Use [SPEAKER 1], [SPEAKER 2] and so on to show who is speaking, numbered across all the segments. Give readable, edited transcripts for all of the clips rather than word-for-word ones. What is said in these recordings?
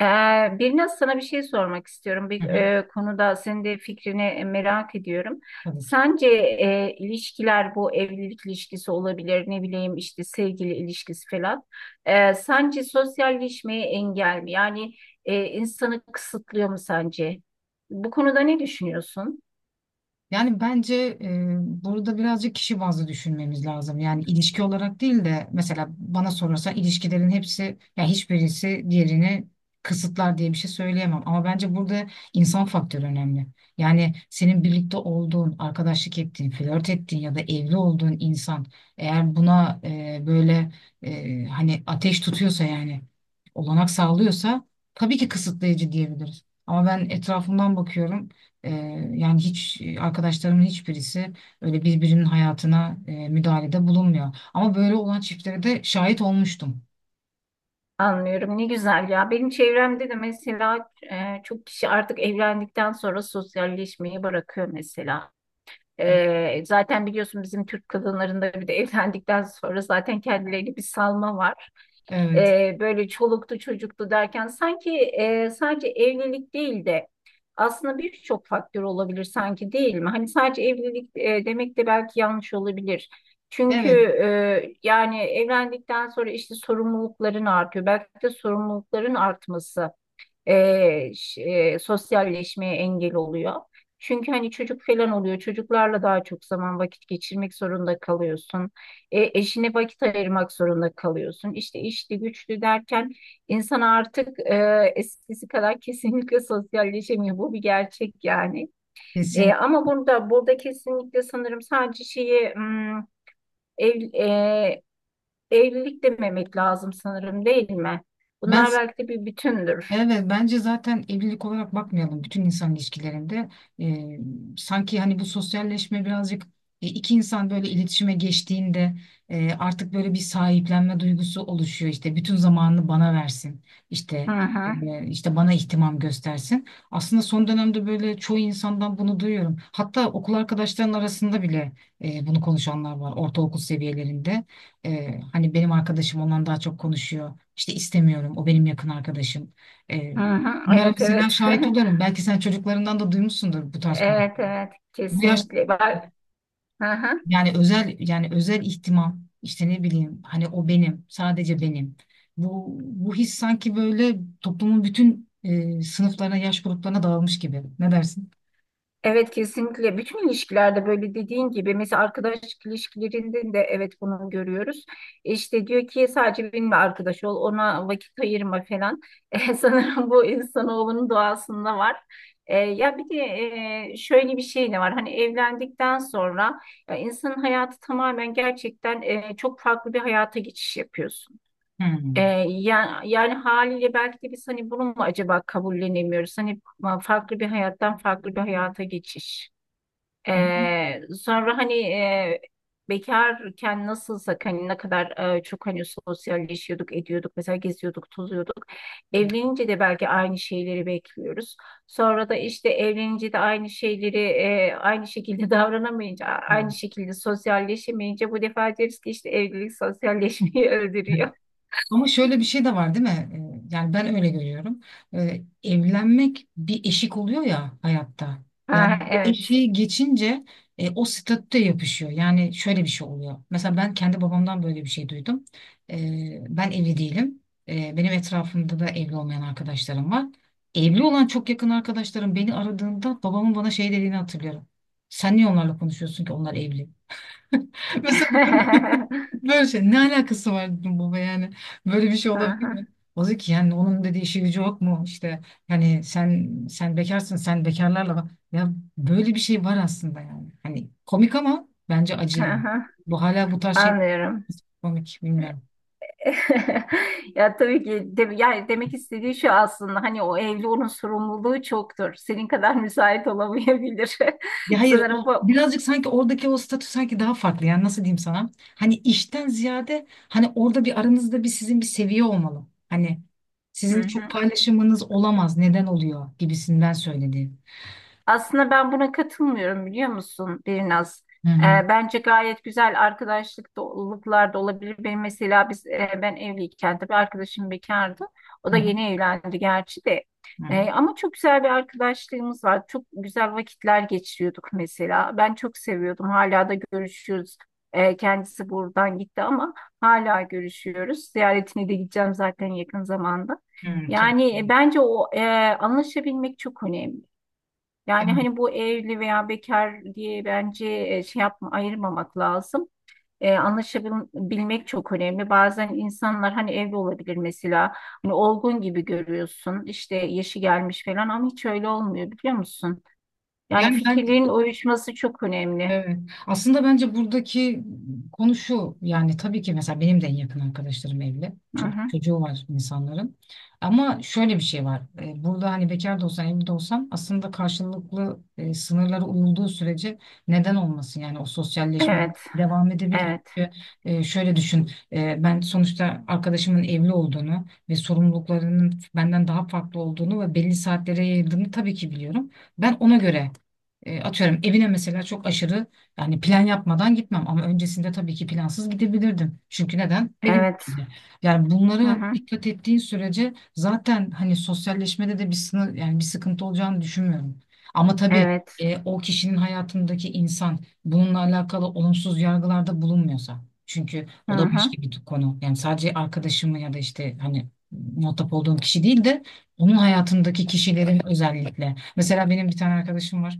[SPEAKER 1] Ee, Birnaz, sana bir şey sormak istiyorum. Bir
[SPEAKER 2] Hı hı,
[SPEAKER 1] konuda senin de fikrini merak ediyorum.
[SPEAKER 2] tabii ki.
[SPEAKER 1] Sence ilişkiler, bu evlilik ilişkisi olabilir, ne bileyim işte sevgili ilişkisi falan. Sence sosyalleşmeye engel mi? Yani insanı kısıtlıyor mu sence? Bu konuda ne düşünüyorsun?
[SPEAKER 2] Yani bence e, burada birazcık kişi bazlı düşünmemiz lazım. Yani ilişki olarak değil de mesela bana sorarsan ilişkilerin hepsi ya hiçbirisi diğerini kısıtlar diye bir şey söyleyemem. Ama bence burada insan faktörü önemli. Yani senin birlikte olduğun, arkadaşlık ettiğin, flört ettiğin ya da evli olduğun insan eğer buna böyle hani ateş tutuyorsa yani olanak sağlıyorsa tabii ki kısıtlayıcı diyebiliriz. Ama ben etrafımdan bakıyorum. Ee, Yani hiç arkadaşlarımın hiçbirisi öyle birbirinin hayatına müdahalede bulunmuyor. Ama böyle olan çiftlere de şahit olmuştum.
[SPEAKER 1] Anlıyorum. Ne güzel ya. Benim çevremde de mesela çok kişi artık evlendikten sonra sosyalleşmeyi bırakıyor mesela.
[SPEAKER 2] Evet.
[SPEAKER 1] Zaten biliyorsun, bizim Türk kadınlarında bir de evlendikten sonra zaten kendilerini bir salma var.
[SPEAKER 2] Evet,
[SPEAKER 1] Böyle çoluktu çocuktu derken sanki sadece evlilik değil de aslında birçok faktör olabilir sanki, değil mi? Hani sadece evlilik demek de belki yanlış olabilir. Çünkü
[SPEAKER 2] evet,
[SPEAKER 1] yani evlendikten sonra işte sorumlulukların artıyor. Belki de sorumlulukların artması sosyalleşmeye engel oluyor. Çünkü hani çocuk falan oluyor. Çocuklarla daha çok zaman vakit geçirmek zorunda kalıyorsun. Eşine vakit ayırmak zorunda kalıyorsun. İşte işli güçlü derken insan artık eskisi kadar kesinlikle sosyalleşemiyor. Bu bir gerçek yani.
[SPEAKER 2] kesin.
[SPEAKER 1] Ama burada kesinlikle sanırım sadece şeyi ev, e, evlilik dememek lazım sanırım, değil mi?
[SPEAKER 2] Ben
[SPEAKER 1] Bunlar belki de bir bütündür.
[SPEAKER 2] evet, bence zaten evlilik olarak bakmayalım bütün insan ilişkilerinde. Ee, Sanki hani bu sosyalleşme birazcık iki insan böyle iletişime geçtiğinde artık böyle bir sahiplenme duygusu oluşuyor. İşte bütün zamanını bana versin.
[SPEAKER 1] Hı
[SPEAKER 2] İşte
[SPEAKER 1] hı.
[SPEAKER 2] işte bana ihtimam göstersin. Aslında son dönemde böyle çoğu insandan bunu duyuyorum. Hatta okul arkadaşların arasında bile bunu konuşanlar var ortaokul seviyelerinde. Hani benim arkadaşım ondan daha çok konuşuyor. İşte istemiyorum, o benim yakın arkadaşım. Ee,
[SPEAKER 1] Hı hı,
[SPEAKER 2] Bunlara
[SPEAKER 1] evet
[SPEAKER 2] mesela
[SPEAKER 1] evet.
[SPEAKER 2] şahit oluyorum. Belki sen çocuklarından da duymuşsundur bu tarz
[SPEAKER 1] Evet
[SPEAKER 2] konuşmaları.
[SPEAKER 1] evet,
[SPEAKER 2] Bu yaş,
[SPEAKER 1] kesinlikle. Ben- Hı hı.
[SPEAKER 2] yani özel, yani özel ihtimam işte ne bileyim hani o benim, sadece benim. Bu his sanki böyle toplumun bütün sınıflarına, yaş gruplarına dağılmış gibi. Ne dersin?
[SPEAKER 1] Evet kesinlikle. Bütün ilişkilerde, böyle dediğin gibi, mesela arkadaşlık ilişkilerinde de evet, bunu görüyoruz. İşte diyor ki sadece benimle arkadaş ol, ona vakit ayırma falan. Sanırım bu insanoğlunun doğasında var. Ya bir de şöyle bir şey de var. Hani evlendikten sonra ya insanın hayatı tamamen gerçekten çok farklı bir hayata geçiş yapıyorsun.
[SPEAKER 2] Hmm.
[SPEAKER 1] E, yani haliyle belki de biz hani bunu mu acaba kabullenemiyoruz? Hani farklı bir hayattan farklı bir hayata geçiş.
[SPEAKER 2] Hı hı.
[SPEAKER 1] Sonra hani bekarken nasılsak hani ne kadar çok hani sosyalleşiyorduk, ediyorduk, mesela geziyorduk, tozuyorduk. Evlenince de belki aynı şeyleri bekliyoruz. Sonra da işte evlenince de aynı şeyleri aynı şekilde davranamayınca,
[SPEAKER 2] Evet.
[SPEAKER 1] aynı şekilde sosyalleşemeyince bu defa deriz ki işte evlilik sosyalleşmeyi öldürüyor.
[SPEAKER 2] Ama şöyle bir şey de var değil mi? Yani ben öyle görüyorum. Evlenmek bir eşik oluyor ya hayatta. Yani
[SPEAKER 1] Ha,
[SPEAKER 2] bu
[SPEAKER 1] evet.
[SPEAKER 2] eşiği geçince o statüde yapışıyor. Yani şöyle bir şey oluyor. Mesela ben kendi babamdan böyle bir şey duydum. Ben evli değilim. Benim etrafımda da evli olmayan arkadaşlarım var. Evli olan çok yakın arkadaşlarım beni aradığında babamın bana şey dediğini hatırlıyorum. Sen niye onlarla konuşuyorsun ki, onlar evli? Mesela böyle, böyle şey, ne alakası var dedim baba, yani böyle bir şey olabilir
[SPEAKER 1] Aha,
[SPEAKER 2] mi? O dedi ki yani, onun dediği işi gücü yok mu işte, yani sen bekarsın, sen bekarlarla bak. Ya böyle bir şey var aslında yani. Hani komik ama bence acı yani.
[SPEAKER 1] aha.
[SPEAKER 2] Bu hala bu tarz şey,
[SPEAKER 1] Anlıyorum.
[SPEAKER 2] komik, bilmiyorum.
[SPEAKER 1] Ya tabii ki de, yani demek istediği şu aslında, hani o evli, onun sorumluluğu çoktur. Senin kadar müsait olamayabilir.
[SPEAKER 2] Ya hayır,
[SPEAKER 1] Sanırım
[SPEAKER 2] o
[SPEAKER 1] bu.
[SPEAKER 2] birazcık sanki oradaki o statü sanki daha farklı, yani nasıl diyeyim sana? Hani işten ziyade hani orada bir aranızda bir sizin bir seviye olmalı. Hani sizin
[SPEAKER 1] Hı
[SPEAKER 2] çok
[SPEAKER 1] hı.
[SPEAKER 2] paylaşımınız olamaz, neden oluyor gibisinden söyledi.
[SPEAKER 1] Aslında ben buna katılmıyorum, biliyor musun Birnaz?
[SPEAKER 2] Hı hı.
[SPEAKER 1] Bence gayet güzel arkadaşlık doluluklar da olabilir. Benim mesela ben evliyken tabii arkadaşım bekardı. O
[SPEAKER 2] Hı
[SPEAKER 1] da
[SPEAKER 2] hı.
[SPEAKER 1] yeni evlendi gerçi de.
[SPEAKER 2] Hı hı.
[SPEAKER 1] Ama çok güzel bir arkadaşlığımız var. Çok güzel vakitler geçiriyorduk mesela. Ben çok seviyordum. Hala da görüşüyoruz. Kendisi buradan gitti ama hala görüşüyoruz. Ziyaretine de gideceğim zaten yakın zamanda.
[SPEAKER 2] Hı, tabii.
[SPEAKER 1] Yani bence anlaşabilmek çok önemli. Yani
[SPEAKER 2] Evet.
[SPEAKER 1] hani bu evli veya bekar diye bence şey yapma, ayırmamak lazım. Anlaşabilmek çok önemli. Bazen insanlar hani evli olabilir mesela. Hani olgun gibi görüyorsun. İşte yaşı gelmiş falan ama hiç öyle olmuyor, biliyor musun? Yani
[SPEAKER 2] Yani ben
[SPEAKER 1] fikirlerin uyuşması çok önemli.
[SPEAKER 2] evet. Aslında bence buradaki konu şu, yani tabii ki mesela benim de en yakın arkadaşlarım evli.
[SPEAKER 1] Hı
[SPEAKER 2] Çok
[SPEAKER 1] hı.
[SPEAKER 2] çocuğu var insanların. Ama şöyle bir şey var. E, burada hani bekar da olsan evli de olsan aslında karşılıklı sınırlara uyulduğu sürece neden olmasın? Yani o sosyalleşme
[SPEAKER 1] Evet.
[SPEAKER 2] devam edebilir.
[SPEAKER 1] Evet.
[SPEAKER 2] Çünkü şöyle düşün. E, ben sonuçta arkadaşımın evli olduğunu ve sorumluluklarının benden daha farklı olduğunu ve belli saatlere yayıldığını tabii ki biliyorum. Ben ona göre atıyorum evine mesela çok aşırı yani plan yapmadan gitmem, ama öncesinde tabii ki plansız gidebilirdim. Çünkü neden? Benim
[SPEAKER 1] Evet.
[SPEAKER 2] için. Yani
[SPEAKER 1] Hı
[SPEAKER 2] bunlara
[SPEAKER 1] hı.
[SPEAKER 2] dikkat ettiğin sürece zaten hani sosyalleşmede de bir sınır, yani bir sıkıntı olacağını düşünmüyorum. Ama tabii
[SPEAKER 1] Evet.
[SPEAKER 2] o kişinin hayatındaki insan bununla alakalı olumsuz yargılarda bulunmuyorsa. Çünkü
[SPEAKER 1] Hı
[SPEAKER 2] o da
[SPEAKER 1] hı.
[SPEAKER 2] başka bir konu. Yani sadece arkadaşımı ya da işte hani muhatap olduğum kişi değil de onun hayatındaki kişilerin özellikle. Mesela benim bir tane arkadaşım var.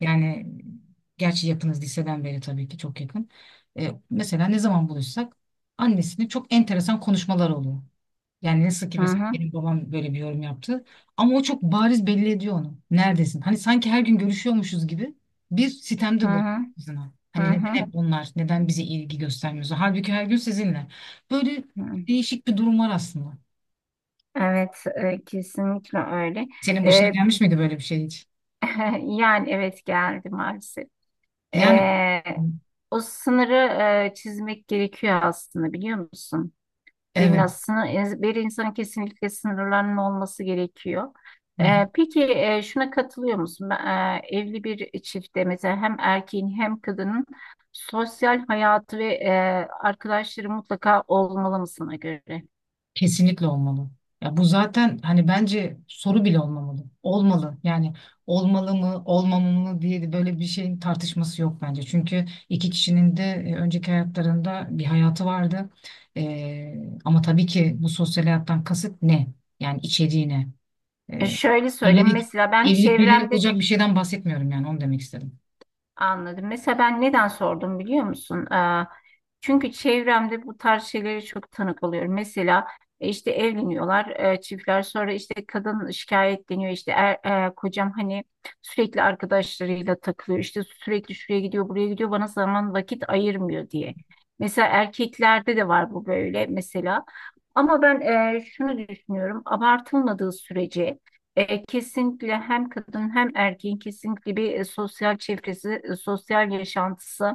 [SPEAKER 2] Yani gerçi yakınız liseden beri, tabii ki çok yakın. E, mesela ne zaman buluşsak annesinin çok enteresan konuşmalar oluyor. Yani nasıl ki
[SPEAKER 1] Hı
[SPEAKER 2] mesela
[SPEAKER 1] hı.
[SPEAKER 2] benim babam böyle bir yorum yaptı. Ama o çok bariz belli ediyor onu. Neredesin? Hani sanki her gün görüşüyormuşuz gibi bir sitemde
[SPEAKER 1] Hı
[SPEAKER 2] bulunuyor
[SPEAKER 1] hı.
[SPEAKER 2] kızına.
[SPEAKER 1] Hı
[SPEAKER 2] Hani neden
[SPEAKER 1] hı.
[SPEAKER 2] hep onlar? Neden bize ilgi göstermiyorsun? Halbuki her gün sizinle. Böyle
[SPEAKER 1] Hı.
[SPEAKER 2] değişik bir durum var aslında.
[SPEAKER 1] Evet, kesinlikle öyle.
[SPEAKER 2] Senin başına
[SPEAKER 1] E,
[SPEAKER 2] gelmiş miydi böyle bir şey hiç?
[SPEAKER 1] Yani evet, geldi maalesef.
[SPEAKER 2] Yani
[SPEAKER 1] Ee, O sınırı çizmek gerekiyor aslında, biliyor musun? Bir,
[SPEAKER 2] evet.
[SPEAKER 1] nasıl, bir insanın kesinlikle sınırlarının olması gerekiyor.
[SPEAKER 2] Hı.
[SPEAKER 1] Peki şuna katılıyor musun? Evli bir çiftte mesela hem erkeğin hem kadının sosyal hayatı ve arkadaşları mutlaka olmalı mı sana göre?
[SPEAKER 2] Kesinlikle olmalı. Ya bu zaten hani bence soru bile olmamalı. Olmalı. Yani olmalı mı, olmamalı mı diye de böyle bir şeyin tartışması yok bence. Çünkü iki kişinin de önceki hayatlarında bir hayatı vardı. Ee, Ama tabii ki bu sosyal hayattan kasıt ne? Yani içeriği ne? Ee,
[SPEAKER 1] Şöyle söyleyeyim,
[SPEAKER 2] evlilik,
[SPEAKER 1] mesela ben
[SPEAKER 2] evlilik belirli
[SPEAKER 1] çevremde
[SPEAKER 2] olacak bir şeyden bahsetmiyorum, yani onu demek istedim.
[SPEAKER 1] anladım. Mesela ben neden sordum, biliyor musun? Çünkü çevremde bu tarz şeylere çok tanık oluyorum. Mesela işte evleniyorlar çiftler, sonra işte kadın şikayetleniyor, işte kocam hani sürekli arkadaşlarıyla takılıyor, işte sürekli şuraya gidiyor buraya gidiyor, bana zaman vakit ayırmıyor diye. Mesela erkeklerde de var bu böyle mesela. Ama ben şunu düşünüyorum, abartılmadığı sürece kesinlikle hem kadın hem erkeğin kesinlikle bir sosyal çevresi, sosyal yaşantısı,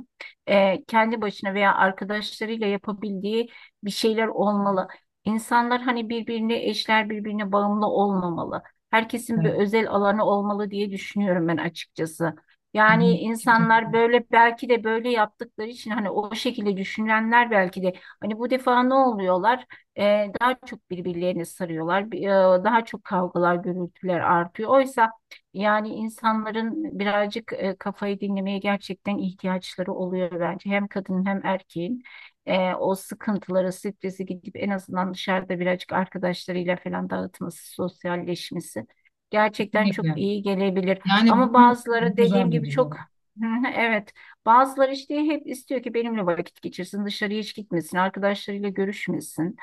[SPEAKER 1] kendi başına veya arkadaşlarıyla yapabildiği bir şeyler olmalı. İnsanlar hani birbirine, eşler, birbirine bağımlı olmamalı. Herkesin bir
[SPEAKER 2] Evet.
[SPEAKER 1] özel alanı olmalı diye düşünüyorum ben açıkçası. Yani insanlar
[SPEAKER 2] Kesinlikle.
[SPEAKER 1] böyle belki de böyle yaptıkları için hani o şekilde düşünenler belki de hani bu defa ne oluyorlar? Daha çok birbirlerini sarıyorlar. Daha çok kavgalar, gürültüler artıyor. Oysa yani insanların birazcık kafayı dinlemeye gerçekten ihtiyaçları oluyor bence. Hem kadının hem erkeğin o sıkıntıları, stresi gidip en azından dışarıda birazcık arkadaşlarıyla falan dağıtması, sosyalleşmesi gerçekten çok
[SPEAKER 2] Kesinlikle.
[SPEAKER 1] iyi gelebilir.
[SPEAKER 2] Yani
[SPEAKER 1] Ama
[SPEAKER 2] bunu,
[SPEAKER 1] bazıları
[SPEAKER 2] bu zor
[SPEAKER 1] dediğim
[SPEAKER 2] da
[SPEAKER 1] gibi çok
[SPEAKER 2] duruyor.
[SPEAKER 1] Hı hı, evet. Bazıları işte hep istiyor ki benimle vakit geçirsin, dışarıya hiç gitmesin, arkadaşlarıyla görüşmesin.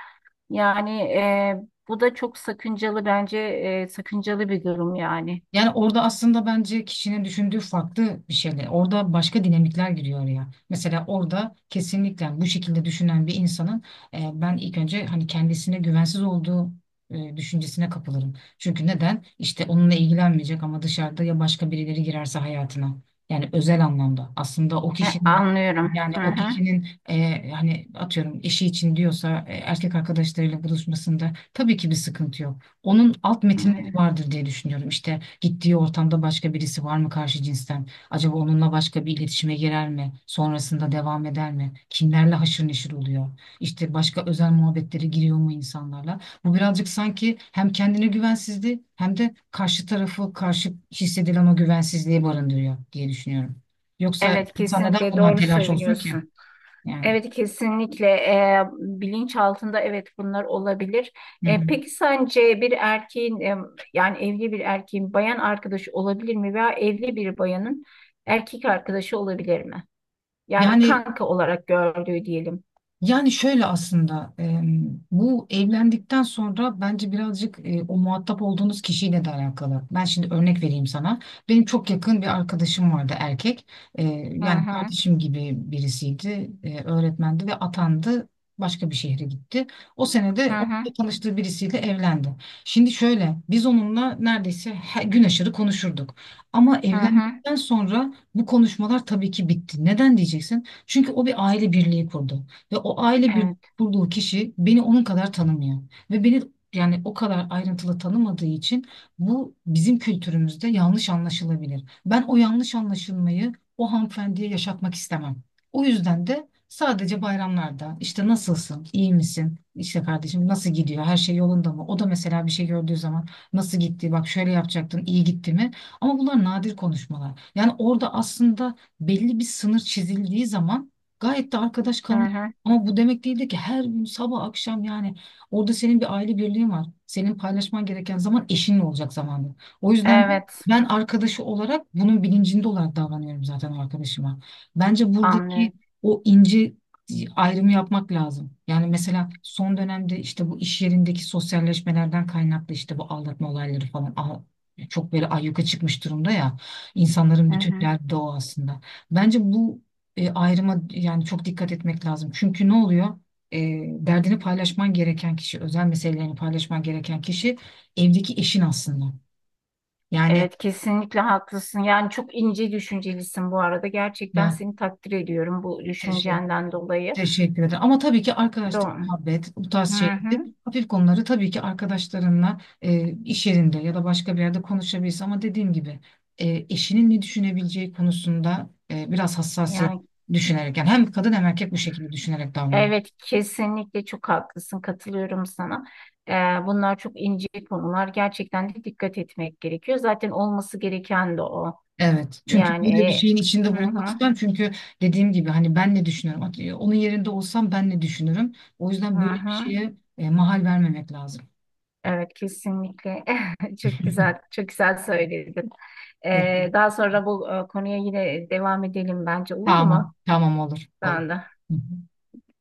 [SPEAKER 1] Yani bu da çok sakıncalı bence, sakıncalı bir durum yani.
[SPEAKER 2] Yani orada aslında bence kişinin düşündüğü farklı bir şeyler. Orada başka dinamikler giriyor ya. Mesela orada kesinlikle bu şekilde düşünen bir insanın ben ilk önce hani kendisine güvensiz olduğu düşüncesine kapılırım. Çünkü neden? İşte onunla ilgilenmeyecek ama dışarıda ya başka birileri girerse hayatına. Yani özel anlamda. Aslında o
[SPEAKER 1] He,
[SPEAKER 2] kişinin,
[SPEAKER 1] anlıyorum.
[SPEAKER 2] yani
[SPEAKER 1] Hı
[SPEAKER 2] o
[SPEAKER 1] hı.
[SPEAKER 2] kişinin hani atıyorum eşi için diyorsa erkek arkadaşlarıyla buluşmasında tabii ki bir sıkıntı yok. Onun alt
[SPEAKER 1] Hı
[SPEAKER 2] metinleri
[SPEAKER 1] hı.
[SPEAKER 2] vardır diye düşünüyorum. İşte gittiği ortamda başka birisi var mı karşı cinsten? Acaba onunla başka bir iletişime girer mi? Sonrasında devam eder mi? Kimlerle haşır neşir oluyor? İşte başka özel muhabbetlere giriyor mu insanlarla? Bu birazcık sanki hem kendine güvensizliği hem de karşı tarafı, karşı hissedilen o güvensizliği barındırıyor diye düşünüyorum. Yoksa
[SPEAKER 1] Evet,
[SPEAKER 2] insan neden
[SPEAKER 1] kesinlikle
[SPEAKER 2] bundan
[SPEAKER 1] doğru
[SPEAKER 2] telaş olsun ki?
[SPEAKER 1] söylüyorsun.
[SPEAKER 2] Yani.
[SPEAKER 1] Evet kesinlikle, bilinç altında evet, bunlar olabilir.
[SPEAKER 2] Hı hı.
[SPEAKER 1] Peki sence bir erkeğin yani evli bir erkeğin bayan arkadaşı olabilir mi, veya evli bir bayanın erkek arkadaşı olabilir mi? Yani
[SPEAKER 2] Yani
[SPEAKER 1] kanka olarak gördüğü diyelim.
[SPEAKER 2] Yani şöyle aslında, bu evlendikten sonra bence birazcık o muhatap olduğunuz kişiyle de alakalı. Ben şimdi örnek vereyim sana. Benim çok yakın bir arkadaşım vardı, erkek. E,
[SPEAKER 1] Hı
[SPEAKER 2] Yani
[SPEAKER 1] hı
[SPEAKER 2] kardeşim gibi birisiydi. E, öğretmendi ve atandı. Başka bir şehre gitti. O
[SPEAKER 1] hı
[SPEAKER 2] senede orada
[SPEAKER 1] hı
[SPEAKER 2] tanıştığı birisiyle evlendi. Şimdi şöyle, biz onunla neredeyse her gün aşırı konuşurduk. Ama
[SPEAKER 1] hı hı.
[SPEAKER 2] evlendikten sonra bu konuşmalar tabii ki bitti. Neden diyeceksin? Çünkü o bir aile birliği kurdu. Ve o aile
[SPEAKER 1] Evet.
[SPEAKER 2] kurduğu kişi beni onun kadar tanımıyor. Ve beni, yani o kadar ayrıntılı tanımadığı için bu bizim kültürümüzde yanlış anlaşılabilir. Ben o yanlış anlaşılmayı o hanımefendiye yaşatmak istemem. O yüzden de sadece bayramlarda işte nasılsın, iyi misin, işte kardeşim nasıl gidiyor, her şey yolunda mı? O da mesela bir şey gördüğü zaman, nasıl gitti, bak şöyle yapacaktın, iyi gitti mi? Ama bunlar nadir konuşmalar. Yani orada aslında belli bir sınır çizildiği zaman gayet de arkadaş
[SPEAKER 1] Hı
[SPEAKER 2] kalın,
[SPEAKER 1] hı.
[SPEAKER 2] ama bu demek değildi ki her gün sabah akşam, yani orada senin bir aile birliğin var. Senin paylaşman gereken zaman eşinle olacak zamanda. O yüzden
[SPEAKER 1] Evet,
[SPEAKER 2] ben arkadaşı olarak bunun bilincinde olarak davranıyorum zaten arkadaşıma. Bence buradaki
[SPEAKER 1] anlıyorum.
[SPEAKER 2] o ince ayrımı yapmak lazım. Yani mesela son dönemde işte bu iş yerindeki sosyalleşmelerden kaynaklı işte bu aldatma olayları falan çok böyle ayyuka çıkmış durumda ya. İnsanların
[SPEAKER 1] Hı
[SPEAKER 2] bütün
[SPEAKER 1] hı.
[SPEAKER 2] derdi de o aslında. Bence bu ayrıma yani çok dikkat etmek lazım. Çünkü ne oluyor? E, Derdini paylaşman gereken kişi, özel meselelerini paylaşman gereken kişi evdeki eşin aslında. Yani
[SPEAKER 1] Evet kesinlikle haklısın. Yani çok ince düşüncelisin bu arada. Gerçekten
[SPEAKER 2] yani
[SPEAKER 1] seni takdir ediyorum bu
[SPEAKER 2] teşekkür,
[SPEAKER 1] düşüncenden dolayı.
[SPEAKER 2] teşekkür ederim. Ama tabii ki arkadaşlık,
[SPEAKER 1] Doğru.
[SPEAKER 2] muhabbet, bu tarz
[SPEAKER 1] Hı
[SPEAKER 2] şeyleri,
[SPEAKER 1] hı.
[SPEAKER 2] hafif konuları tabii ki arkadaşlarınla iş yerinde ya da başka bir yerde konuşabilirsin. Ama dediğim gibi eşinin ne düşünebileceği konusunda biraz hassasiyet
[SPEAKER 1] Yani
[SPEAKER 2] düşünerek, yani hem kadın hem erkek bu şekilde düşünerek davranıyor.
[SPEAKER 1] evet kesinlikle çok haklısın, katılıyorum sana. Ee, Bunlar çok ince konular, gerçekten de dikkat etmek gerekiyor. Zaten olması gereken de o.
[SPEAKER 2] Evet. Çünkü
[SPEAKER 1] Yani
[SPEAKER 2] böyle bir şeyin içinde
[SPEAKER 1] hı
[SPEAKER 2] bulunmak
[SPEAKER 1] hı
[SPEAKER 2] istemem. Çünkü dediğim gibi hani ben ne düşünüyorum? Onun yerinde olsam ben ne düşünürüm? O
[SPEAKER 1] hı
[SPEAKER 2] yüzden böyle bir
[SPEAKER 1] hı.
[SPEAKER 2] şeye mahal vermemek lazım.
[SPEAKER 1] Evet kesinlikle çok güzel, çok güzel söyledin.
[SPEAKER 2] Peki.
[SPEAKER 1] Daha sonra bu konuya yine devam edelim bence, olur
[SPEAKER 2] Tamam.
[SPEAKER 1] mu?
[SPEAKER 2] Tamam olur. Olur.
[SPEAKER 1] Ben
[SPEAKER 2] Hı hı.